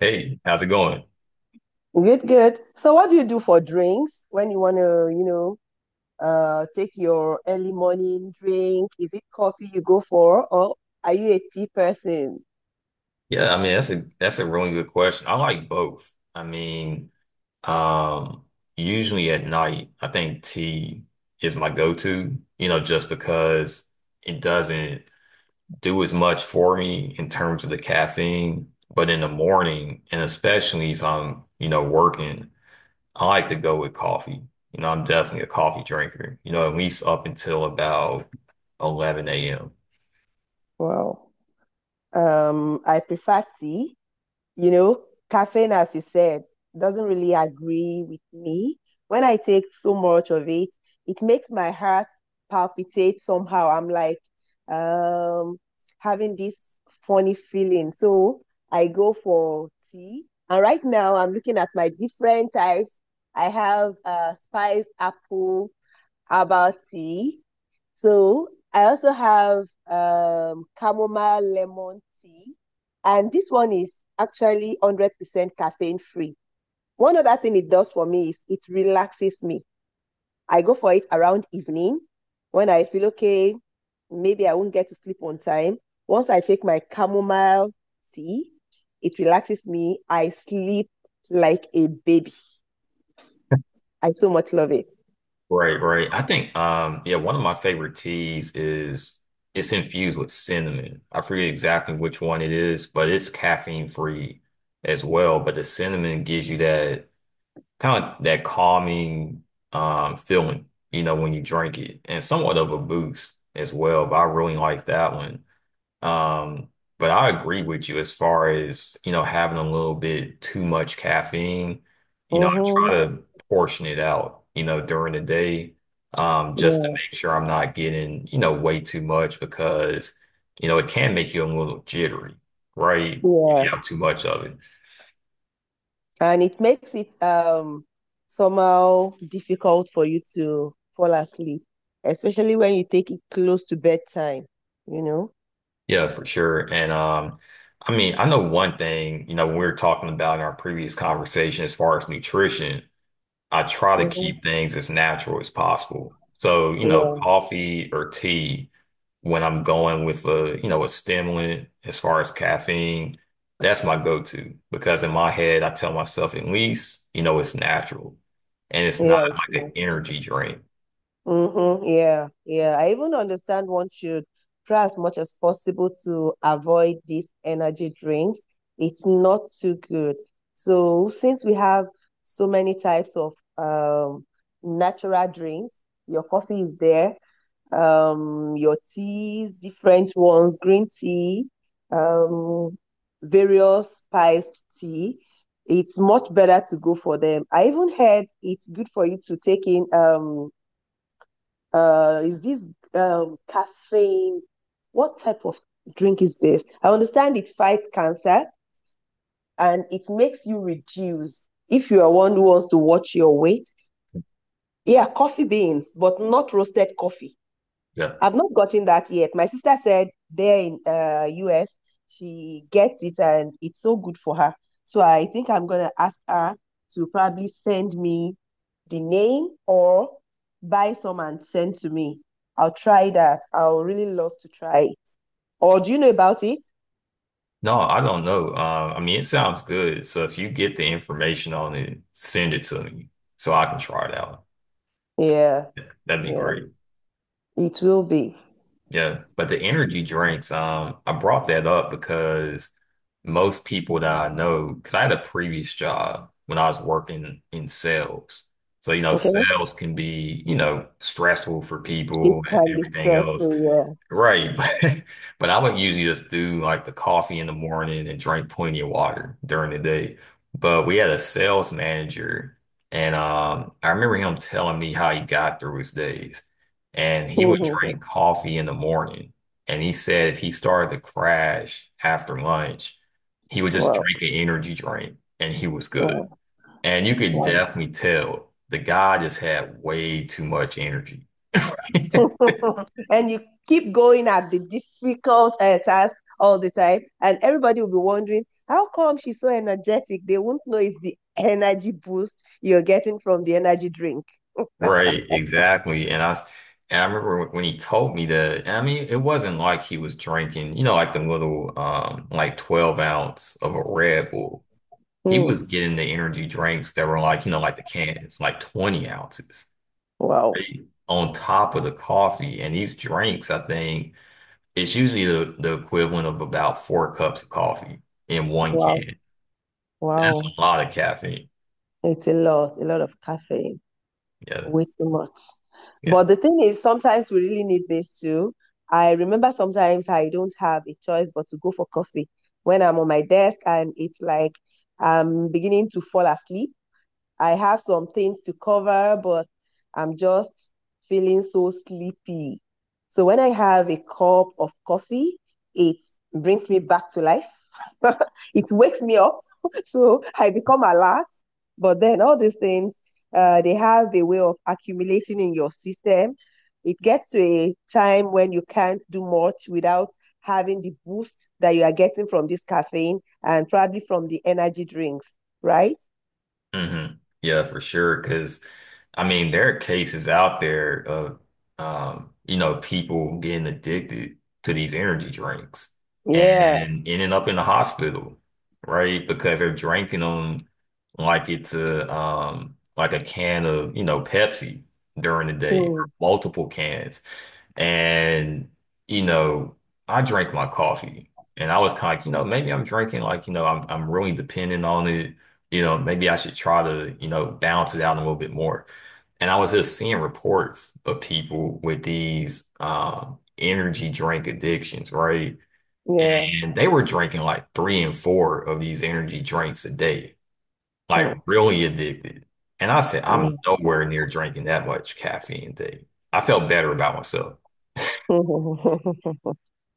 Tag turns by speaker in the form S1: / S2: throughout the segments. S1: Hey, how's it going?
S2: Good, good. So what do you do for drinks when you want to, take your early morning drink? Is it coffee you go for, or are you a tea person?
S1: Yeah, I mean that's a really good question. I like both. I mean, um, usually at night, I think tea is my go-to, you know, just because it doesn't do as much for me in terms of the caffeine. But in the morning, and especially if I'm, you know, working, I like to go with coffee. You know, I'm definitely a coffee drinker, you know, at least up until about 11 a.m.
S2: Wow. I prefer tea. you know, Caffeine, as you said, doesn't really agree with me. When I take so much of it, it makes my heart palpitate somehow. I'm like um, having this funny feeling. So I go for tea. And right now, I'm looking at my different types. I have spiced apple herbal tea. So I also have chamomile lemon tea, and this one is actually 100% caffeine free. One other thing it does for me is it relaxes me. I go for it around evening when I feel okay, maybe I won't get to sleep on time. Once I take my chamomile tea, it relaxes me. I sleep like a baby. I so much love it.
S1: Right, right. I think yeah, one of my favorite teas is it's infused with cinnamon. I forget exactly which one it is, but it's caffeine free as well. But the cinnamon gives you that kind of that calming feeling, you know, when you drink it and somewhat of a boost as well. But I really like that one. Um, but I agree with you as far as, you know, having a little bit too much caffeine. You know, I try
S2: Mm-hmm.
S1: to portion it out, you know, during the day, just to
S2: Yeah,
S1: make sure I'm not getting, you know, way too much because, you know, it can make you a little jittery, right? If you
S2: yeah.
S1: have too much of it.
S2: And it makes it somehow difficult for you to fall asleep, especially when you take it close to bedtime, you know?
S1: Yeah, for sure. And I mean, I know one thing, you know, when we were talking about in our previous conversation as far as nutrition. I try to
S2: Mm-hmm.
S1: keep things as natural as possible. So, you know,
S2: Yeah,
S1: coffee or tea, when I'm going with a, you know, a stimulant as far as caffeine, that's my go-to because in my head, I tell myself at least, you know, it's natural and it's
S2: yeah.
S1: not
S2: It's
S1: like an
S2: not-
S1: energy drink.
S2: Mm-hmm. Yeah, yeah. I even understand one should try as much as possible to avoid these energy drinks. It's not too good. So since we have so many types of natural drinks, your coffee is there, your teas, different ones, green tea, um, various spiced tea. It's much better to go for them. I even heard it's good for you to take in is this caffeine? What type of drink is this? I understand it fights cancer and it makes you reduce. If you are one who wants to watch your weight, yeah, coffee beans, but not roasted coffee.
S1: Yeah.
S2: I've not gotten that yet. My sister said there in US, she gets it and it's so good for her. So I think I'm gonna ask her to probably send me the name or buy some and send to me. I'll try that. I'll really love to try it. Or do you know about it?
S1: No, I don't know. I mean, it sounds good. So if you get the information on it, send it to me so I can try it out.
S2: Yeah,
S1: Yeah, that'd be
S2: yeah,
S1: great.
S2: it will be.
S1: Yeah, but the energy drinks, I brought that up because most people that I know, because I had a previous job when I was working in sales. So, you know,
S2: Okay,
S1: sales can be, you know, stressful for
S2: it
S1: people and
S2: can be
S1: everything else.
S2: stressful.
S1: Right, but I would usually just do like the coffee in the morning and drink plenty of water during the day. But we had a sales manager, and I remember him telling me how he got through his days. And he would
S2: Yeah.
S1: drink coffee in the morning, and he said if he started to crash after lunch, he would just
S2: Wow,
S1: drink an energy drink, and he was good.
S2: wow,
S1: And you could
S2: wow.
S1: definitely tell the guy just had way too much energy.
S2: And you keep going at the difficult task all the time, and everybody will be wondering how come she's so energetic. They won't know it's the energy boost you're getting from the energy drink.
S1: Right, exactly. And I remember when he told me that, I mean, it wasn't like he was drinking, you know, like the little like 12 ounce of a Red Bull. He was
S2: Hmm.
S1: getting the energy drinks that were like, you know, like the cans, like 20 ounces
S2: Wow,
S1: right, on top of the coffee. And these drinks, I think, it's usually the equivalent of about four cups of coffee in one
S2: wow,
S1: can. That's
S2: wow!
S1: a lot of caffeine.
S2: It's a lot of caffeine,
S1: Yeah,
S2: way too much.
S1: yeah.
S2: But the thing is, sometimes we really need this too. I remember sometimes I don't have a choice but to go for coffee when I'm on my desk and it's like I'm beginning to fall asleep. I have some things to cover, but I'm just feeling so sleepy. So when I have a cup of coffee, it brings me back to life. It wakes me up. So I become alert. But then all these things, they have a way of accumulating in your system. It gets to a time when you can't do much without having the boost that you are getting from this caffeine and probably from the energy drinks, right?
S1: hmm Yeah, for sure. Because I mean, there are cases out there of you know, people getting addicted to these energy drinks
S2: Yeah.
S1: and ending up in the hospital, right? Because they're drinking them like it's a like a can of, you know, Pepsi during the day,
S2: Mm,
S1: multiple cans. And, you know, I drank my coffee and I was kind of, you know, maybe I'm drinking like, you know, I'm really dependent on it. You know, maybe I should try to, you know, balance it out a little bit more. And I was just seeing reports of people with these energy drink addictions, right?
S2: yeah.
S1: And they were drinking like three and four of these energy drinks a day, like
S2: Mm,
S1: really addicted. And I said, I'm
S2: mm.
S1: nowhere near drinking that much caffeine a day. I felt better about myself.
S2: Mm,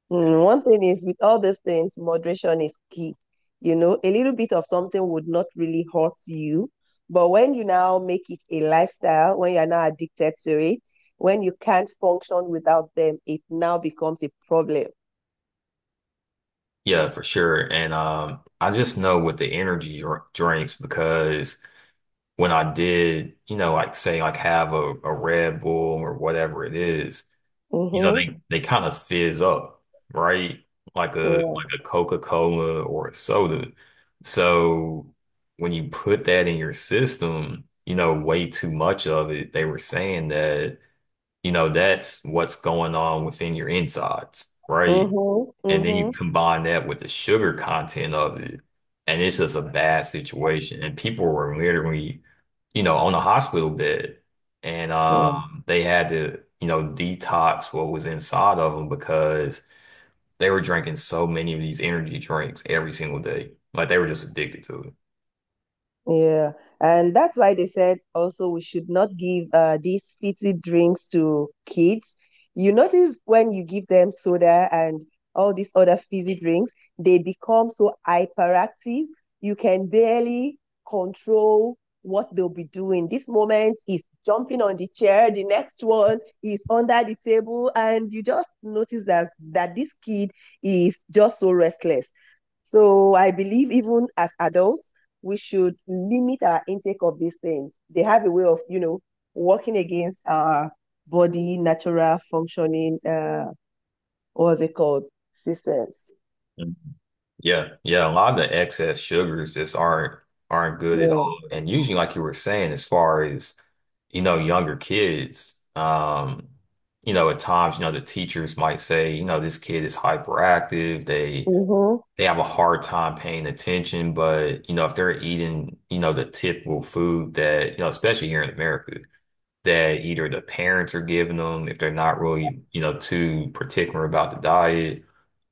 S2: mm, one thing is with all these things, moderation is key. You know, a little bit of something would not really hurt you, but when you now make it a lifestyle, when you're now addicted to it, when you can't function without them, it now becomes a problem.
S1: Yeah, for sure. And I just know with the energy drinks because when I did, you know, like say like have a Red Bull or whatever it is, you know,
S2: Mm-hmm.
S1: they kind of fizz up, right?
S2: Yeah.
S1: Like a Coca-Cola or a soda. So when you put that in your system, you know, way too much of it, they were saying that, you know, that's what's going on within your insides, right?
S2: Mm-hmm.
S1: And then you
S2: Mm-hmm.
S1: combine that with the sugar content of it, and it's just a bad situation. And people were literally, you know, on a hospital bed, and they had to, you know, detox what was inside of them because they were drinking so many of these energy drinks every single day. Like they were just addicted to it.
S2: Yeah, and that's why they said also we should not give these fizzy drinks to kids. You notice when you give them soda and all these other fizzy drinks, they become so hyperactive. You can barely control what they'll be doing. This moment is jumping on the chair, the next one is under the table, and you just notice that this kid is just so restless. So I believe even as adults, we should limit our intake of these things. They have a way of, you know, working against our body natural functioning, what's it called, systems.
S1: Mhm. Yeah, yeah, a lot of the excess sugars just aren't good at
S2: Yeah.
S1: all. And usually, like you were saying, as far as you know, younger kids, you know, at times, you know, the teachers might say, you know, this kid is hyperactive. They
S2: Mm-hmm.
S1: they have a hard time paying attention, but you know, if they're eating, you know, the typical food that, you know, especially here in America, that either the parents are giving them, if they're not really, you know, too particular about the diet,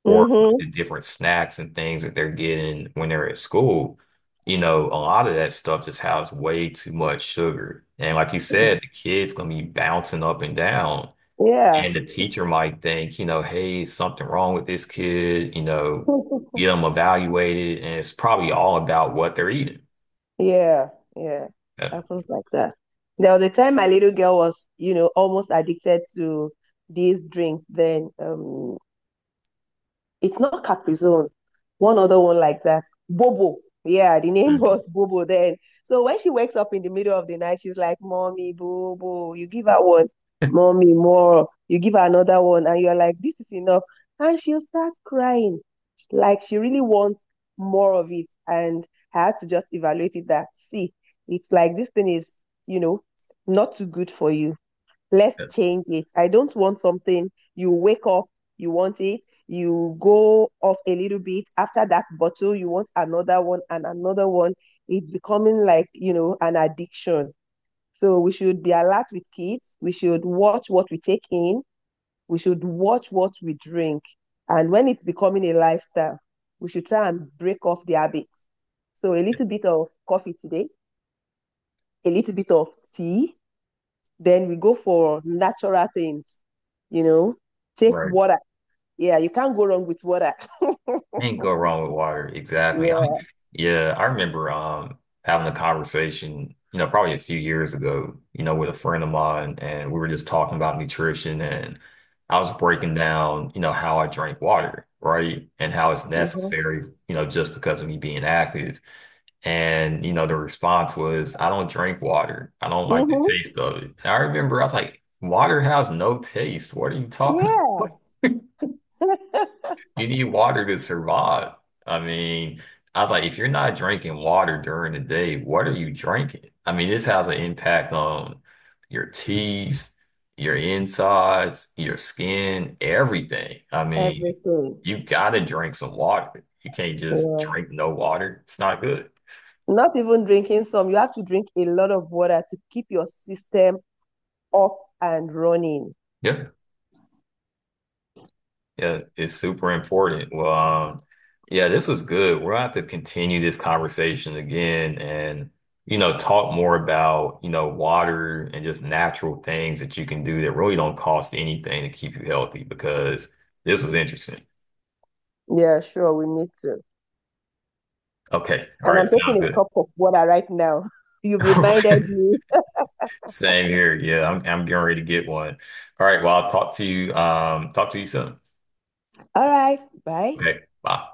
S1: or like,
S2: Mm-hmm.
S1: the different snacks and things that they're getting when they're at school, you know, a lot of that stuff just has way too much sugar. And like you said, the kid's gonna be bouncing up and down.
S2: Yeah.
S1: And the teacher might think, you know, hey, something wrong with this kid, you know, get them evaluated. And it's probably all about what they're eating.
S2: Yeah. Yeah. It
S1: Yeah.
S2: happens like that. There was a time my little girl was, you know, almost addicted to this drink. Then, it's not Caprizone. One other one like that. Bobo. Yeah, the name
S1: Mhm.
S2: was Bobo then. So when she wakes up in the middle of the night, she's like, Mommy, Bobo. You give her one, Mommy, more. You give her another one, and you're like, this is enough. And she'll start crying. Like she really wants more of it. And I had to just evaluate it that, see, it's like this thing is, you know, not too good for you. Let's
S1: Yeah.
S2: change it. I don't want something you wake up, you want it, you go off a little bit. After that bottle, you want another one and another one. It's becoming like, you know, an addiction. So we should be alert with kids. We should watch what we take in. We should watch what we drink. And when it's becoming a lifestyle, we should try and break off the habits. So a
S1: Yeah.
S2: little bit of coffee today, a little bit of tea, then we go for natural things, you know, take
S1: Right.
S2: water. Yeah, you can't go wrong with water.
S1: Can't go wrong with water. Exactly. I mean,
S2: Yeah.
S1: yeah, I remember having a conversation, you know, probably a few years ago, you know, with a friend of mine, and we were just talking about nutrition and I was breaking down, you know, how I drink water, right? And how it's
S2: Mm-hmm.
S1: necessary, you know, just because of me being active. And, you know, the response was, I don't drink water. I don't like the
S2: Mm-hmm.
S1: taste of it. And I remember I was like, water has no taste. What are you talking about?
S2: Yeah.
S1: You need water to survive. I mean, I was like, if you're not drinking water during the day, what are you drinking? I mean, this has an impact on your teeth, your insides, your skin, everything. I mean,
S2: Everything.
S1: you gotta drink some water. You can't just
S2: Yeah.
S1: drink no water. It's not good.
S2: Not even drinking some. You have to drink a lot of water to keep your system up and running.
S1: Yeah. Yeah, it's super important. Well, yeah, this was good. We'll have to continue this conversation again and, you know, talk more about, you know, water and just natural things that you can do that really don't cost anything to keep you healthy because this was interesting.
S2: Yeah, sure, we need to.
S1: Okay. All
S2: And
S1: right.
S2: I'm taking
S1: Sounds
S2: a
S1: good.
S2: cup of water right now. You reminded me.
S1: Same here. Yeah, I'm getting ready to get one. All right. Well, I'll talk to you soon.
S2: All right, bye.
S1: Okay. Bye.